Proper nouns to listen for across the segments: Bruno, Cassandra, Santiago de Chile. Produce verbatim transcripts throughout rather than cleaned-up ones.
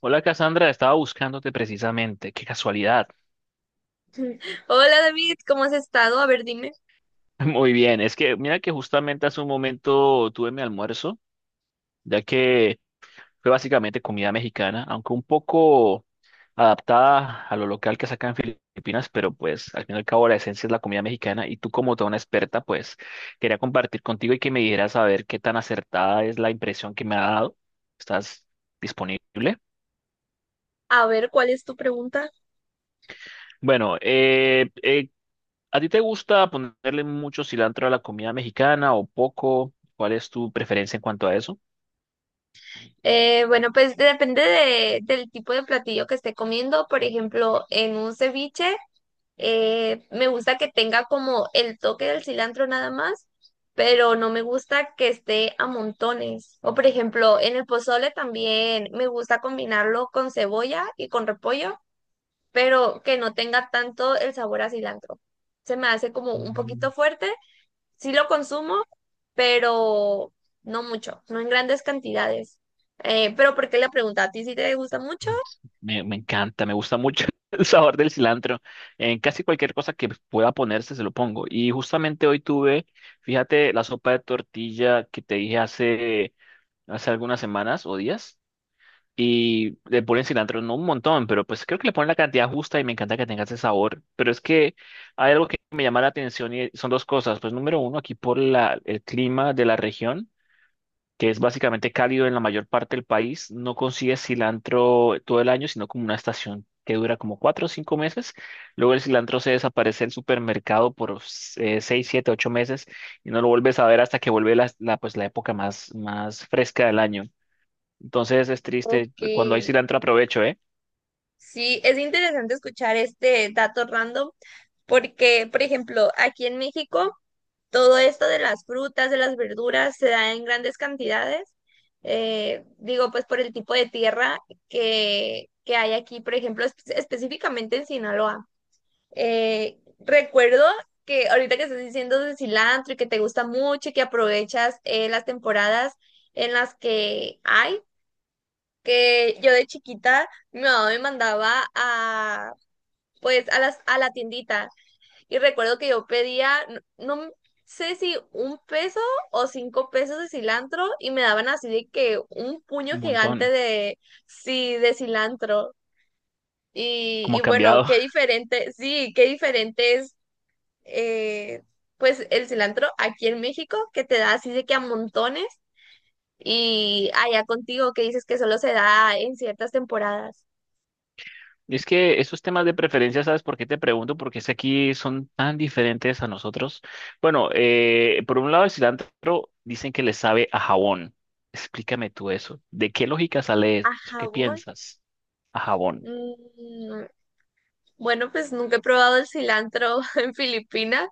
Hola Cassandra, estaba buscándote precisamente, qué casualidad. Hola David, ¿cómo has estado? A ver, dime, Muy bien, es que mira que justamente hace un momento tuve mi almuerzo, ya que fue básicamente comida mexicana, aunque un poco adaptada a lo local que sacan en Filipinas, pero pues al fin y al cabo la esencia es la comida mexicana y tú como toda una experta, pues quería compartir contigo y que me dijeras a ver qué tan acertada es la impresión que me ha dado. ¿Estás disponible? a ver, ¿cuál es tu pregunta? Bueno, eh, eh. ¿A ti te gusta ponerle mucho cilantro a la comida mexicana o poco? ¿Cuál es tu preferencia en cuanto a eso? Eh, bueno, pues depende de- del tipo de platillo que esté comiendo. Por ejemplo, en un ceviche, eh, me gusta que tenga como el toque del cilantro nada más, pero no me gusta que esté a montones. O por ejemplo, en el pozole también me gusta combinarlo con cebolla y con repollo, pero que no tenga tanto el sabor a cilantro. Se me hace como un Mm, poquito fuerte, sí lo consumo, pero no mucho, no en grandes cantidades. Eh, pero ¿por qué la pregunta? ¿A ti sí te gusta mucho? pues, Me, me encanta, me gusta mucho el sabor del cilantro. En casi cualquier cosa que pueda ponerse se lo pongo. Y justamente hoy tuve, fíjate, la sopa de tortilla que te dije hace, hace algunas semanas o días. Y le ponen cilantro, no un montón, pero pues creo que le ponen la cantidad justa y me encanta que tenga ese sabor. Pero es que hay algo que me llama la atención y son dos cosas. Pues número uno, aquí por la, el clima de la región, que es básicamente cálido en la mayor parte del país, no consigues cilantro todo el año, sino como una estación que dura como cuatro o cinco meses. Luego el cilantro se desaparece del supermercado por eh, seis, siete, ocho meses y no lo vuelves a ver hasta que vuelve la, la, pues, la época más, más fresca del año. Entonces es triste. Ok. Cuando hay cilantro aprovecho, ¿eh? Sí, es interesante escuchar este dato random porque, por ejemplo, aquí en México, todo esto de las frutas, de las verduras, se da en grandes cantidades. Eh, digo, pues por el tipo de tierra que, que hay aquí, por ejemplo, espe- específicamente en Sinaloa. Eh, recuerdo que ahorita que estás diciendo de cilantro y que te gusta mucho y que aprovechas eh, las temporadas en las que hay, que yo de chiquita mi mamá me mandaba a pues a las a la tiendita y recuerdo que yo pedía, no, no sé si un peso o cinco pesos de cilantro y me daban así de que un puño Un gigante montón. de sí de cilantro y, y Como bueno, cambiado. qué diferente, sí, qué diferente es, eh, pues el cilantro aquí en México, que te da así de que a montones, y allá contigo que dices que solo se da en ciertas temporadas. Y es que esos temas de preferencia, ¿sabes por qué te pregunto? Porque es que aquí son tan diferentes a nosotros. Bueno, eh, por un lado el cilantro dicen que le sabe a jabón. Explícame tú eso. ¿De qué lógica sale ¿A eso? ¿Qué jabón? piensas? A jabón. mm, bueno, pues nunca he probado el cilantro en Filipinas,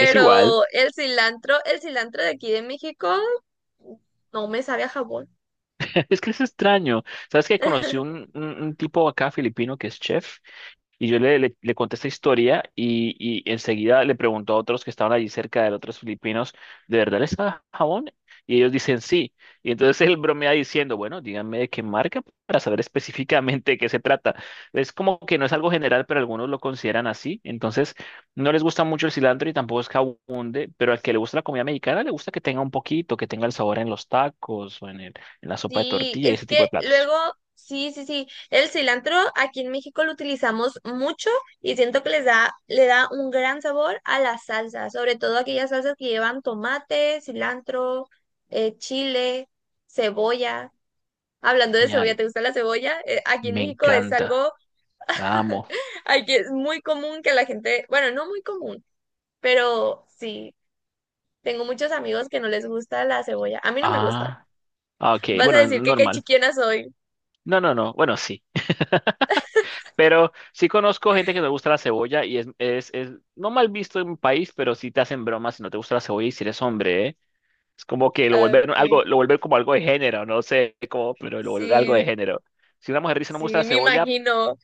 Es igual. el cilantro, el cilantro de aquí de México no me sabe a jabón. Es que es extraño. ¿Sabes que conocí un, un un tipo acá filipino que es chef? Y yo le, le, le conté esta historia y, y enseguida le preguntó a otros que estaban allí cerca de él, otros filipinos, ¿de verdad les da jabón? Y ellos dicen sí. Y entonces él bromea diciendo, bueno, díganme de qué marca para saber específicamente de qué se trata. Es como que no es algo general, pero algunos lo consideran así. Entonces, no les gusta mucho el cilantro y tampoco es que abunde, pero al que le gusta la comida mexicana le gusta que tenga un poquito, que tenga el sabor en los tacos o en el, en la sopa de Sí, tortilla y es ese tipo que de platos. luego, sí, sí, sí, el cilantro aquí en México lo utilizamos mucho y siento que les da, le da un gran sabor a la salsa, sobre todo aquellas salsas que llevan tomate, cilantro, eh, chile, cebolla. Hablando de cebolla, Ay, ¿te gusta la cebolla? Eh, aquí en me México es encanta. algo… La amo. Aquí es muy común que la gente, bueno, no muy común, pero sí, tengo muchos amigos que no les gusta la cebolla. A mí no me gusta. Ah. Ah, ok, Vas a bueno, decir que qué normal. chiquiana soy. No, no, no. Bueno, sí. Pero sí conozco gente que no le gusta la cebolla y es, es, es no mal visto en un país, pero sí te hacen bromas si no te gusta la cebolla y si eres hombre, ¿eh? Es como que lo Ah, vuelven algo, ok. lo vuelven como algo de género, no sé cómo, pero lo vuelven algo de Sí, género. Si una mujer dice no me gusta la sí, me cebolla, imagino.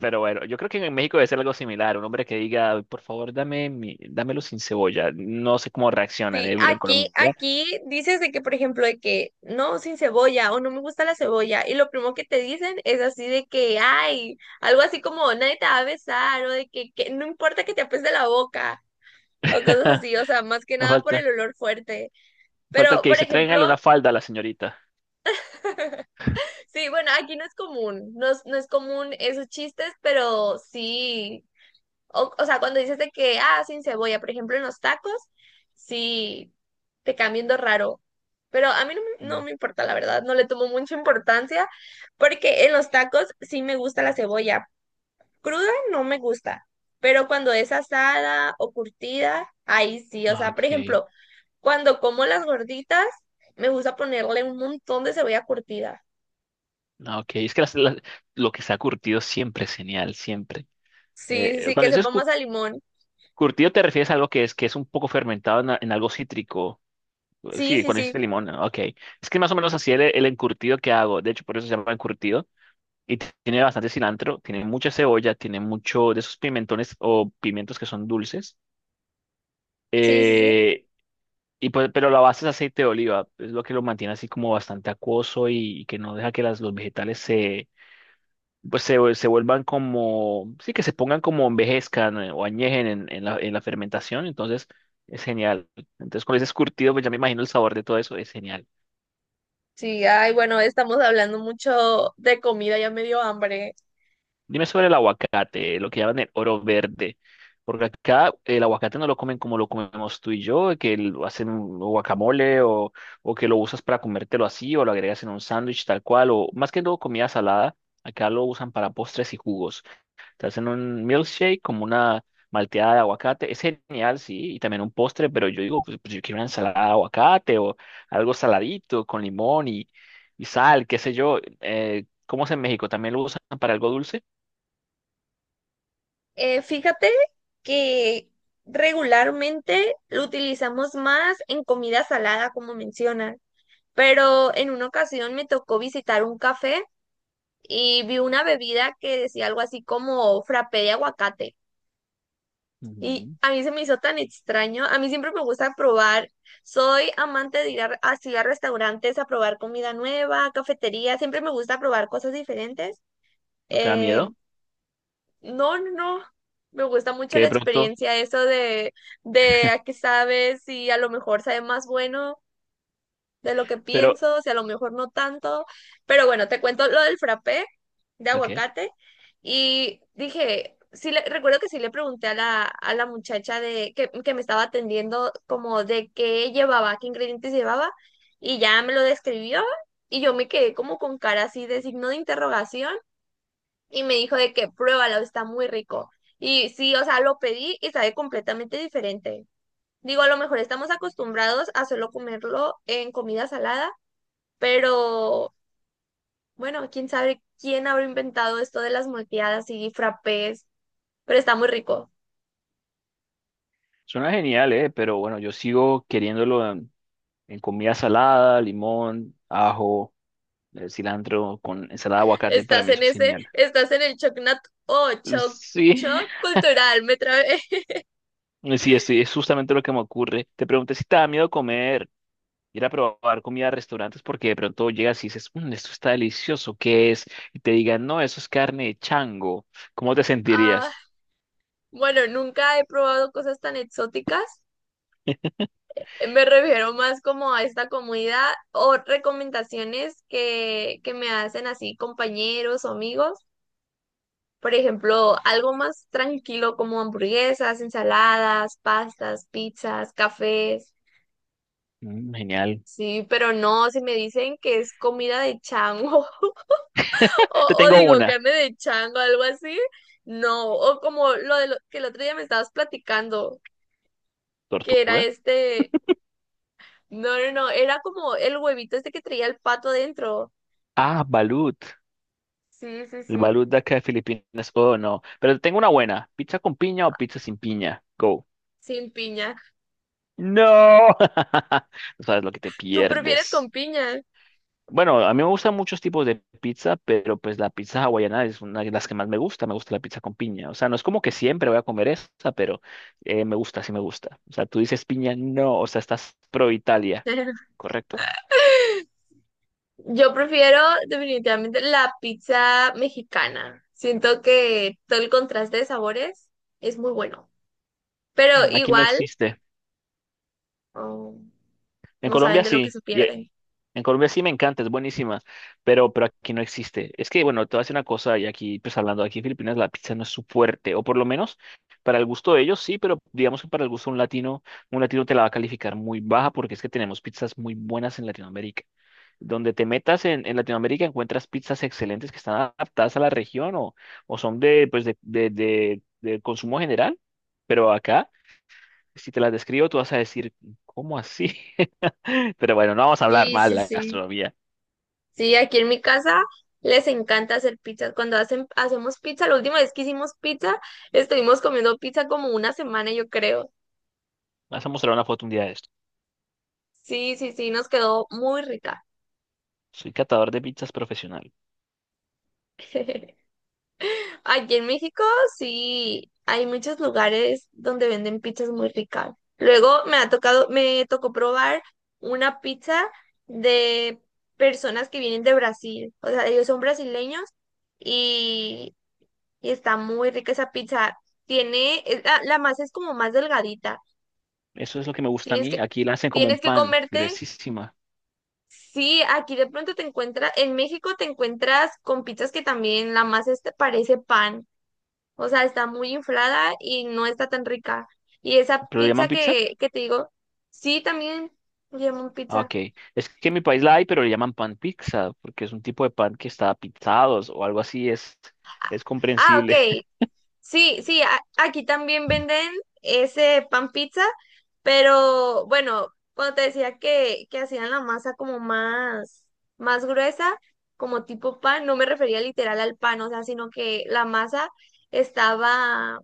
pero bueno, yo creo que en México debe ser algo similar. Un hombre que diga, por favor, dame mi, dámelo sin cebolla. No sé cómo reaccionan, Sí, ¿eh? Pero en aquí, Colombia. aquí dices de que, por ejemplo, de que no, sin cebolla o no me gusta la cebolla. Y lo primero que te dicen es así de que, ay, algo así como nadie te va a besar o de que, que no importa que te apeste la boca o cosas así. O sea, más que No nada por falta, el olor fuerte. falta el Pero, que por dice, ejemplo, tráiganle una falda a la señorita. sí, bueno, aquí no es común, no es, no es común esos chistes, pero sí. O, o sea, cuando dices de que, ah, sin cebolla, por ejemplo, en los tacos, sí te cambiando raro. Pero a mí no me, no me importa, la verdad, no le tomo mucha importancia, porque en los tacos sí me gusta la cebolla. Cruda no me gusta, pero cuando es asada o curtida, ahí sí. O Ah, sea, por ok. ejemplo, cuando como las gorditas, me gusta ponerle un montón de cebolla curtida. Ah, ok. Es que las- las- lo que está curtido siempre es genial, siempre. Sí, sí, Eh, sí, cuando que dices sepa cu- más a limón. curtido te refieres a algo que es, que es un poco fermentado en, a- en algo cítrico. Eh, Sí, Sí, sí, cuando sí, dices limón, ¿no? Ok. Es que más o menos así el, el encurtido que hago. De hecho, por eso se llama encurtido. Y t- tiene bastante cilantro, tiene mucha cebolla, tiene mucho de esos pimentones o pimientos que son dulces. sí, sí, sí. Eh, y pues, pero la base es aceite de oliva. Es lo que lo mantiene así como bastante acuoso y, y que no deja que las, los vegetales pues se, se vuelvan como, sí, que se pongan como envejezcan eh, o añejen en, en la, en la fermentación, entonces es genial. Entonces con ese escurtido, pues ya me imagino el sabor de todo eso, es genial. Sí, ay, bueno, estamos hablando mucho de comida, ya me dio hambre. Dime sobre el aguacate, lo que llaman el oro verde, porque acá el aguacate no lo comen como lo comemos tú y yo, que lo hacen un guacamole o, o que lo usas para comértelo así o lo agregas en un sándwich tal cual, o más que todo comida salada, acá lo usan para postres y jugos. Te hacen un milkshake como una malteada de aguacate. Es genial, sí, y también un postre, pero yo digo, pues, pues yo quiero una ensalada de aguacate o algo saladito con limón y, y sal, qué sé yo. Eh, ¿cómo es en México? ¿También lo usan para algo dulce? Eh, fíjate que regularmente lo utilizamos más en comida salada, como mencionan, pero en una ocasión me tocó visitar un café y vi una bebida que decía algo así como frappé de aguacate. Y Ujú. a mí se me hizo tan extraño. A mí siempre me gusta probar. Soy amante de ir a- así a restaurantes a probar comida nueva, cafetería. Siempre me gusta probar cosas diferentes. ¿No te da eh, miedo? No, no, no. Me gusta mucho Que la de pronto, experiencia, eso de, de a qué sabes, si a lo mejor sabe más bueno de lo que pero, pienso, si a lo mejor no tanto. Pero bueno, te cuento lo del frappé de ok, aguacate. Y dije, sí le, recuerdo que sí le pregunté a la, a la muchacha de, que, que me estaba atendiendo como de qué llevaba, qué ingredientes llevaba, y ya me lo describió, y yo me quedé como con cara así de signo de interrogación y me dijo de que pruébalo, está muy rico. Y sí, o sea, lo pedí y sabe completamente diferente. Digo, a lo mejor estamos acostumbrados a solo comerlo en comida salada, pero bueno, quién sabe quién habrá inventado esto de las molteadas y frappés, pero está muy rico. suena genial, ¿eh? Pero bueno, yo sigo queriéndolo en, en comida salada, limón, ajo, eh, cilantro con ensalada de aguacate, para Estás mí en eso es ese, genial. estás en el choc nat o choc, Sí, choc cultural, me trabé. Eh, sí, estoy, es justamente lo que me ocurre. Te pregunté si te da miedo comer, ir a probar comida a restaurantes, porque de pronto llegas y dices, "Mm, esto está delicioso, ¿qué es? Y te digan, no, eso es carne de chango. ¿Cómo te Ah, sentirías? bueno, nunca he probado cosas tan exóticas. Me refiero más como a esta comunidad o recomendaciones que, que me hacen así compañeros o amigos. Por ejemplo, algo más tranquilo como hamburguesas, ensaladas, pastas, pizzas, cafés. Mm, genial. Sí, pero no, si me dicen que es comida de chango o, Te o tengo digo una. carne de chango, algo así, no. O como lo, de lo que el otro día me estabas platicando, que era ¿Tortuga? este, no, no, no, era como el huevito este que traía el pato dentro. Ah, balut. Sí, sí, El sí, balut de acá de Filipinas. Oh, no. Pero te tengo una buena. ¿Pizza con piña o pizza sin piña? Go. sin piña. No. No sabes lo que te ¿Tú prefieres con pierdes. piña? Bueno, a mí me gustan muchos tipos de pizza, pero pues la pizza hawaiana es una de las que más me gusta. Me gusta la pizza con piña. O sea, no es como que siempre voy a comer esa, pero eh, me gusta, sí me gusta. O sea, tú dices piña, no, o sea, estás pro Italia, ¿correcto? Yo prefiero definitivamente la pizza mexicana. Siento que todo el contraste de sabores es muy bueno, pero Mm, aquí no igual, existe. oh, En no saben Colombia de lo que sí. se Y, pierden. En Colombia sí me encanta, es buenísima, pero, pero aquí no existe. Es que, bueno, te voy a decir una cosa, y aquí, pues hablando, aquí en Filipinas la pizza no es su fuerte, o por lo menos para el gusto de ellos sí, pero digamos que para el gusto de un latino, un latino te la va a calificar muy baja porque es que tenemos pizzas muy buenas en Latinoamérica. Donde te metas en, en Latinoamérica encuentras pizzas excelentes que están adaptadas a la región o, o son de, pues de, de, de, de consumo general, pero acá, si te las describo, tú vas a decir, ¿cómo así? Pero bueno, no vamos a hablar Sí, mal de sí, la sí. gastronomía. Sí, aquí en mi casa les encanta hacer pizzas. Cuando hacen, hacemos pizza, la última vez que hicimos pizza, estuvimos comiendo pizza como una semana, yo creo. Vas a mostrar una foto un día de esto. Sí, sí, sí, nos quedó muy rica. Soy catador de pizzas profesional. Aquí en México sí hay muchos lugares donde venden pizzas muy ricas. Luego me ha tocado, me tocó probar una pizza de personas que vienen de Brasil. O sea, ellos son brasileños y, y está muy rica esa pizza. Tiene, es la, la masa es como más delgadita. Eso es lo que me gusta a Tienes mí. que, Aquí la hacen como un tienes que pan, comerte. gruesísima. Sí, aquí de pronto te encuentras, en México te encuentras con pizzas que también la masa este parece pan. O sea, está muy inflada y no está tan rica. Y esa ¿Pero le llaman pizza pizza? que, que te digo, sí, también llaman Ah, pizza. ok. Es que en mi país la hay, pero le llaman pan pizza, porque es un tipo de pan que está pizzado o algo así. Es, es Ah, ok. comprensible. Sí, sí, a- aquí también venden ese pan pizza, pero bueno, cuando te decía que, que hacían la masa como más, más gruesa, como tipo pan, no me refería literal al pan, o sea, sino que la masa estaba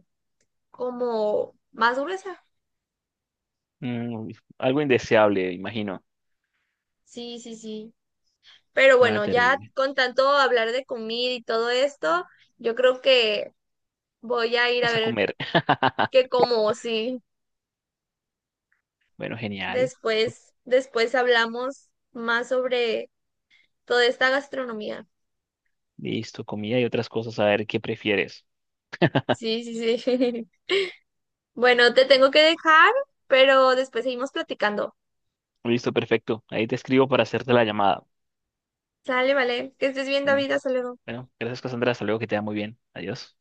como más gruesa. Mm, algo indeseable, imagino. Sí, sí, sí. Pero Ah, bueno, ya terrible. con tanto hablar de comida y todo esto, yo creo que voy a ir a Vas a ver comer. qué como, sí. Bueno, genial. Después, después hablamos más sobre toda esta gastronomía. Listo, comida y otras cosas. A ver qué prefieres. Sí, sí, sí. Bueno, te tengo que dejar, pero después seguimos platicando. Listo, perfecto. Ahí te escribo para hacerte la llamada. Sale, vale. Que estés bien, Bueno, David. Hasta luego. bueno, gracias, Cassandra. Hasta luego, que te va muy bien. Adiós.